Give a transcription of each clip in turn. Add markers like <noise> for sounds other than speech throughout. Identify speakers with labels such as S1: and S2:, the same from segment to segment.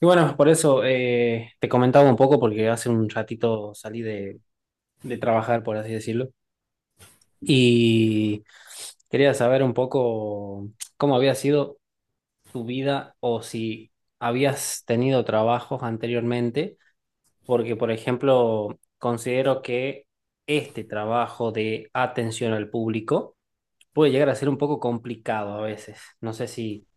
S1: Y bueno, por eso te comentaba un poco, porque hace un ratito salí de trabajar, por así decirlo, y quería saber un poco cómo había sido tu vida, o si habías tenido trabajos anteriormente, porque, por ejemplo, considero que este trabajo de atención al público puede llegar a ser un poco complicado a veces. No sé si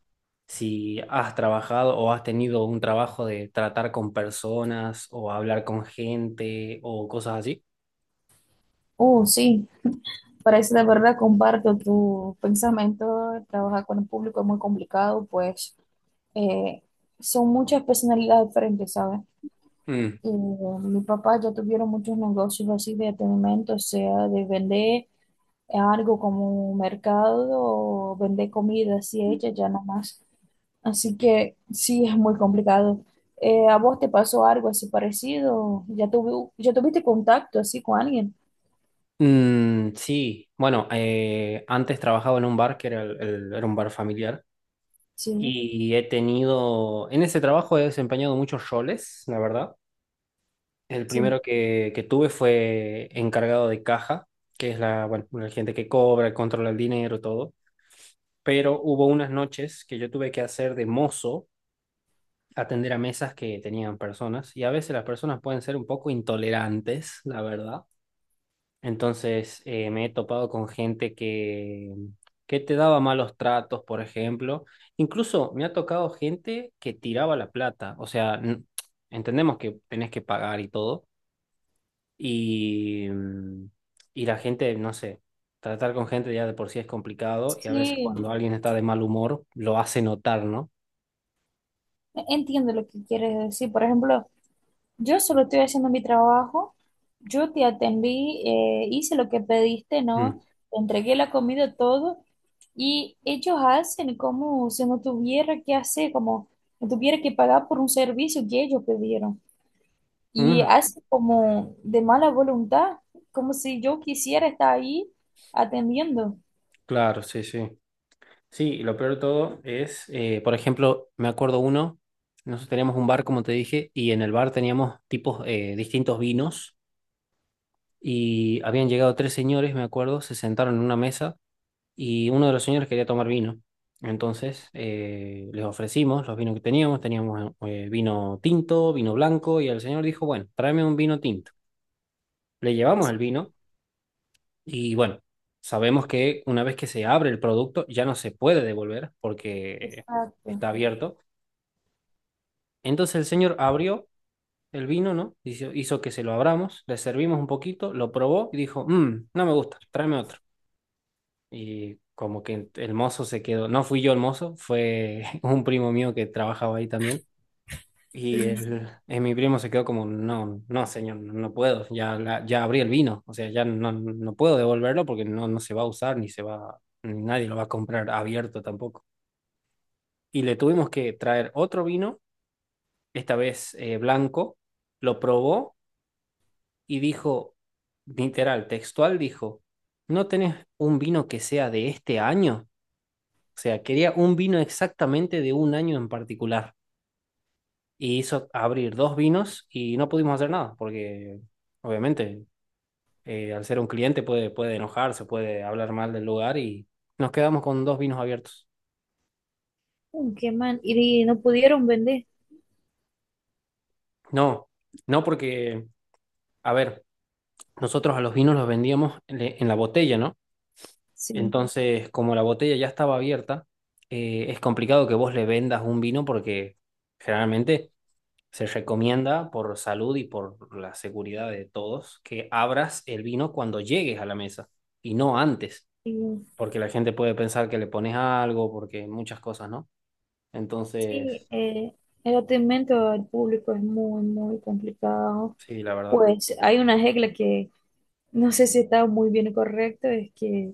S1: si has trabajado o has tenido un trabajo de tratar con personas o hablar con gente o cosas así.
S2: Oh sí, parece de verdad comparto tu pensamiento. Trabajar con el público es muy complicado, pues eh, son muchas personalidades diferentes, ¿sabes?
S1: Mm.
S2: Y, mi papá ya tuvieron muchos negocios así de atendimiento, o sea, de vender algo como un mercado o vender comida así hecha, ya nada más. Así que sí, es muy complicado. ¿A vos te pasó algo así parecido? ¿ Ya tuviste contacto así con alguien?
S1: Mm, sí, bueno, antes trabajaba en un bar que era un bar familiar,
S2: Sí,
S1: y he tenido, en ese trabajo he desempeñado muchos roles, la verdad. El
S2: sí.
S1: primero que tuve fue encargado de caja, que es la, bueno, la gente que cobra, controla el dinero, todo. Pero hubo unas noches que yo tuve que hacer de mozo, atender a mesas que tenían personas, y a veces las personas pueden ser un poco intolerantes, la verdad. Entonces, me he topado con gente que te daba malos tratos, por ejemplo. Incluso me ha tocado gente que tiraba la plata. O sea, entendemos que tenés que pagar y todo. Y, mm, y la gente, no sé, tratar con gente ya de por sí es complicado, y a veces
S2: Sí,
S1: cuando alguien está de mal humor lo hace notar, ¿no?
S2: entiendo lo que quieres decir. Por ejemplo, yo solo estoy haciendo mi trabajo, yo te atendí, hice lo que pediste, ¿no?
S1: Mm.
S2: Te entregué la comida, todo, y ellos hacen como si no tuviera que hacer, como si no tuviera que pagar por un servicio que ellos pidieron. Y
S1: Ujú.
S2: hacen como de mala voluntad, como si yo quisiera estar ahí atendiendo.
S1: Claro, sí, sí. Sí, y lo peor de todo es, por ejemplo, me acuerdo uno, nosotros teníamos un bar, como te dije, y en el bar teníamos tipos, distintos vinos, y habían llegado tres señores, me acuerdo, se sentaron en una mesa, y uno de los señores quería tomar vino. Entonces, les ofrecimos los vinos que teníamos. Teníamos, vino tinto, vino blanco, y el señor dijo, bueno, tráeme un vino tinto. Le llevamos el vino, y bueno, sabemos que una vez que se abre el producto, ya no se puede devolver, porque
S2: Exacto.
S1: está abierto. Entonces el señor abrió el vino, ¿no? Hizo que se lo abramos, le servimos un poquito, lo probó y dijo: "Mm, no me gusta, tráeme otro". Y como que el mozo se quedó, no fui yo el mozo, fue <laughs> un primo mío que trabajaba ahí también. Y
S2: Sí.
S1: mi primo se quedó como: no, no, señor, no no puedo, ya, ya abrí el vino, o sea, ya no, no puedo devolverlo porque no, no se va a usar, ni se va, ni nadie lo va a comprar abierto tampoco. Y le tuvimos que traer otro vino, esta vez blanco, lo probó y dijo, literal, textual, dijo: ¿no tenés un vino que sea de este año? O sea, quería un vino exactamente de un año en particular. Y hizo abrir dos vinos y no pudimos hacer nada, porque obviamente, al ser un cliente, puede enojarse, puede hablar mal del lugar, y nos quedamos con dos vinos abiertos.
S2: Mm, qué mal. Y no pudieron vender.
S1: No, no porque, a ver, nosotros a los vinos los vendíamos en la botella, ¿no?
S2: Sí.
S1: Entonces, como la botella ya estaba abierta, es complicado que vos le vendas un vino, porque generalmente se recomienda, por salud y por la seguridad de todos, que abras el vino cuando llegues a la mesa y no antes,
S2: Sí.
S1: porque la gente puede pensar que le pones algo, porque muchas cosas, ¿no?
S2: Sí,
S1: Entonces,
S2: el atendimiento al público es muy, muy complicado.
S1: sí, la verdad.
S2: Pues hay una regla que no sé si está muy bien correcto, es que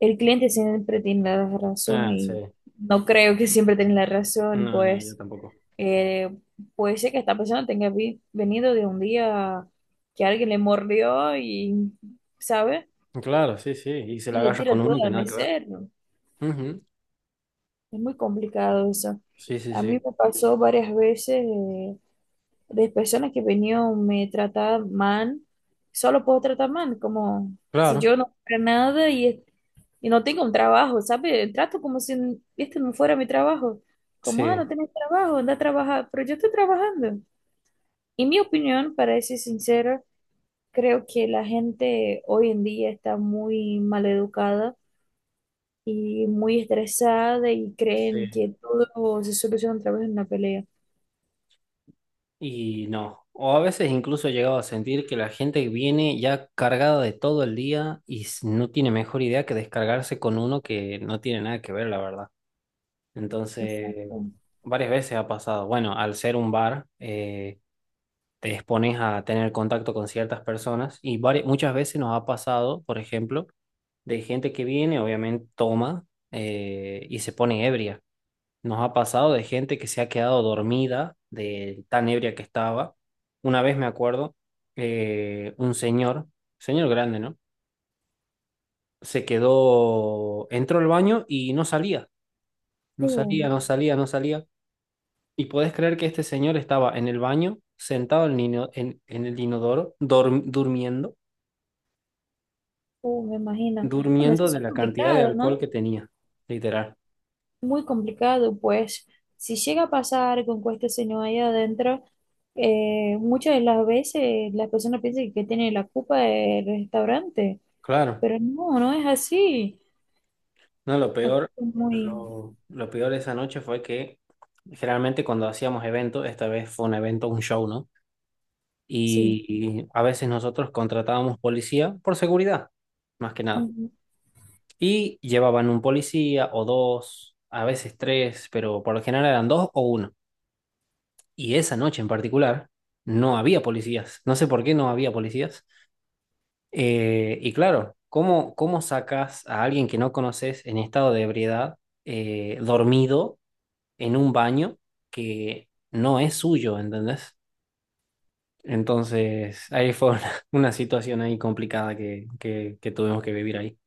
S2: el cliente siempre tiene la razón
S1: Ah, sí.
S2: y no creo que siempre tenga la razón,
S1: No, no, yo
S2: pues
S1: tampoco.
S2: eh, puede ser que esta persona venido de un día que alguien le mordió y, ¿sabe?
S1: Claro, sí, sí. Y se la
S2: Y le
S1: agarra con
S2: tira todo
S1: uno que
S2: al
S1: nada que ver.
S2: mesero.
S1: Ujú.
S2: Es muy complicado eso.
S1: Sí, sí,
S2: A mí
S1: sí.
S2: me pasó varias veces. De personas que venían me tratar mal, solo por tratar mal, como si
S1: Claro.
S2: yo no fuera nada y, y no tengo un trabajo, ¿sabe? Trato como si este no fuera mi trabajo, como, ah, no
S1: Sí.
S2: tenés trabajo, anda a trabajar, pero yo estoy trabajando. En mi opinión, para ser sincera, creo que la gente hoy en día está muy mal educada y muy estresada y
S1: Sí.
S2: creen que todo se soluciona a través de una pelea.
S1: Y no, o a veces incluso he llegado a sentir que la gente viene ya cargada de todo el día, y no tiene mejor idea que descargarse con uno que no tiene nada que ver, la verdad. Entonces,
S2: Exacto.
S1: varias veces ha pasado. Bueno, al ser un bar, te expones a tener contacto con ciertas personas, y muchas veces nos ha pasado, por ejemplo, de gente que viene, obviamente toma, y se pone ebria. Nos ha pasado de gente que se ha quedado dormida de tan ebria que estaba. Una vez me acuerdo, un señor, señor grande, ¿no? Se quedó, entró al baño y no salía, no salía,
S2: Sí.
S1: no salía, no salía. Y podés creer que este señor estaba en el baño, sentado en, en el inodoro, durmiendo,
S2: Me imagino. Bueno, eso
S1: durmiendo de
S2: es
S1: la cantidad de
S2: complicado,
S1: alcohol
S2: ¿no?
S1: que tenía, literal.
S2: Muy complicado, pues si llega a pasar con que este señor ahí adentro, muchas de las veces las personas piensan que tiene la culpa del restaurante,
S1: Claro.
S2: pero no, no es así.
S1: No, lo
S2: Aquí
S1: peor,
S2: es muy,
S1: lo peor de esa noche fue que generalmente, cuando hacíamos eventos, esta vez fue un evento, un show, ¿no?
S2: sí.
S1: Y, y a veces nosotros contratábamos policía por seguridad, más que nada.
S2: Ujú.
S1: Y llevaban un policía o dos, a veces tres, pero por lo general eran dos o uno. Y esa noche en particular no había policías. No sé por qué no había policías. Y claro, ¿cómo sacas a alguien que no conoces en estado de ebriedad, dormido, en un baño que no es suyo? ¿Entendés? Entonces, ahí fue una, <laughs> una situación ahí complicada que tuvimos que vivir ahí.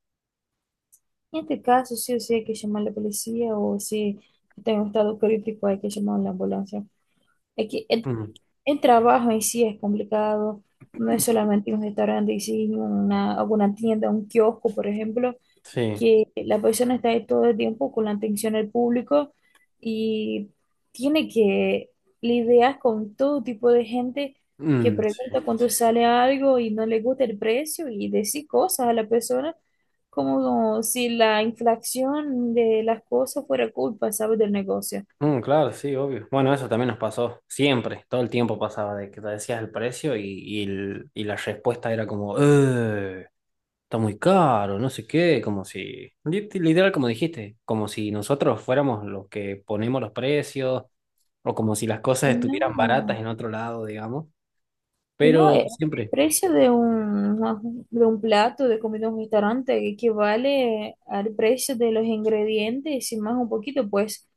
S2: En este caso, sí o sí hay que llamar a la policía o si está en un estado crítico hay que llamar a la ambulancia. Aquí,
S1: Mm,
S2: el trabajo en sí es complicado, no es solamente un restaurante, sino una, alguna tienda, un kiosco, por ejemplo,
S1: sí.
S2: que la persona está ahí todo el tiempo con la atención del público y tiene que lidiar con todo tipo de gente que
S1: Mm,
S2: pregunta
S1: sí.
S2: cuánto sale algo y no le gusta el precio y decir cosas a la persona como si la inflación de las cosas fuera culpa, ¿sabes? Del negocio.
S1: Mm, claro, sí, obvio. Bueno, eso también nos pasó siempre, todo el tiempo pasaba de que te decías el precio, y la respuesta era como: "Ugh". Está muy caro, no sé qué, como si, literal, como dijiste, como si nosotros fuéramos los que ponemos los precios, o como si las cosas
S2: Y
S1: estuvieran baratas
S2: no.
S1: en otro lado, digamos,
S2: Y no,
S1: pero
S2: el
S1: siempre,
S2: precio de un, no, de un plato de comida en un restaurante equivale al precio de los ingredientes y más un poquito, pues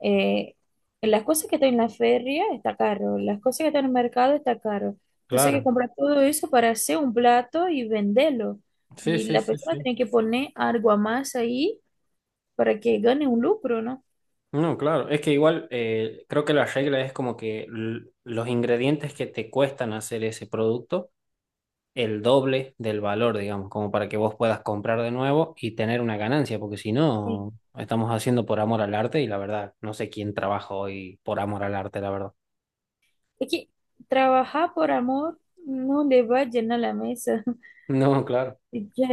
S2: eh, las cosas que están en la feria está caro, las cosas que están en el mercado está caro. Entonces hay que
S1: claro,
S2: comprar todo eso para hacer un plato y venderlo.
S1: sí,
S2: Y
S1: sí,
S2: la
S1: sí,
S2: persona
S1: sí.
S2: tiene que poner algo a más ahí para que gane un lucro, ¿no?
S1: No, claro, es que igual, creo que la regla es como que los ingredientes que te cuestan hacer ese producto, el doble del valor, digamos, como para que vos puedas comprar de nuevo y tener una ganancia, porque si
S2: Sí.
S1: no, estamos haciendo por amor al arte, y la verdad, no sé quién trabaja hoy por amor al arte, la verdad.
S2: Es que trabajar por amor no le va a llenar la mesa.
S1: <laughs> No, claro.
S2: <laughs> Ya,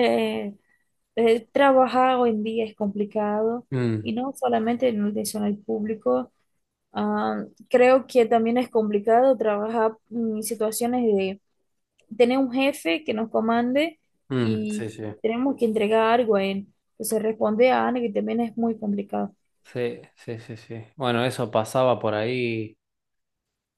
S2: el trabajar hoy en día es complicado y
S1: Mm,
S2: no solamente en el personal público. Ah, creo que también es complicado trabajar en situaciones de tener un jefe que nos comande
S1: mm, sí,
S2: y
S1: sí.
S2: tenemos que entregar algo a él. Entonces responde a algo que también es muy complicado.
S1: Sí, sí, sí, sí. Bueno, eso pasaba por ahí.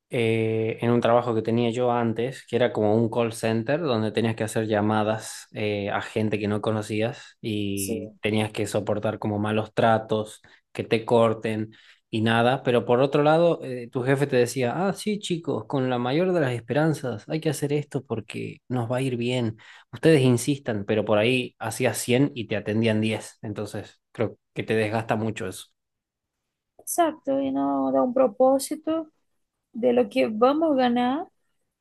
S1: En un trabajo que tenía yo antes, que era como un call center, donde tenías que hacer llamadas, a gente que no conocías, y
S2: Sí,
S1: tenías que soportar como malos tratos, que te corten y nada. Pero por otro lado, tu jefe te decía: ah, sí, chicos, con la mayor de las esperanzas, hay que hacer esto porque nos va a ir bien. Ustedes insistan, pero por ahí hacías 100 y te atendían 10. Entonces, creo que te desgasta mucho eso.
S2: exacto, y no da un propósito de lo que vamos a ganar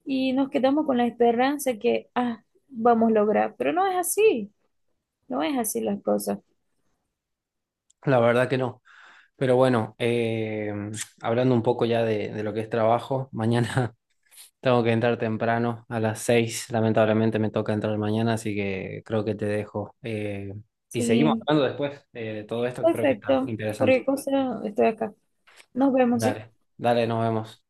S2: y nos quedamos con la esperanza que ah, vamos a lograr, pero no es así, no es así las cosas.
S1: La verdad que no. Pero bueno, hablando un poco ya de lo que es trabajo, mañana <laughs> tengo que entrar temprano a las 6. Lamentablemente me toca entrar mañana, así que creo que te dejo. Y seguimos
S2: Sí,
S1: hablando después, de todo esto, que creo que está
S2: perfecto.
S1: interesante.
S2: Cualquier cosa, estoy acá. Nos vemos, ¿sí?
S1: Dale, dale, nos vemos.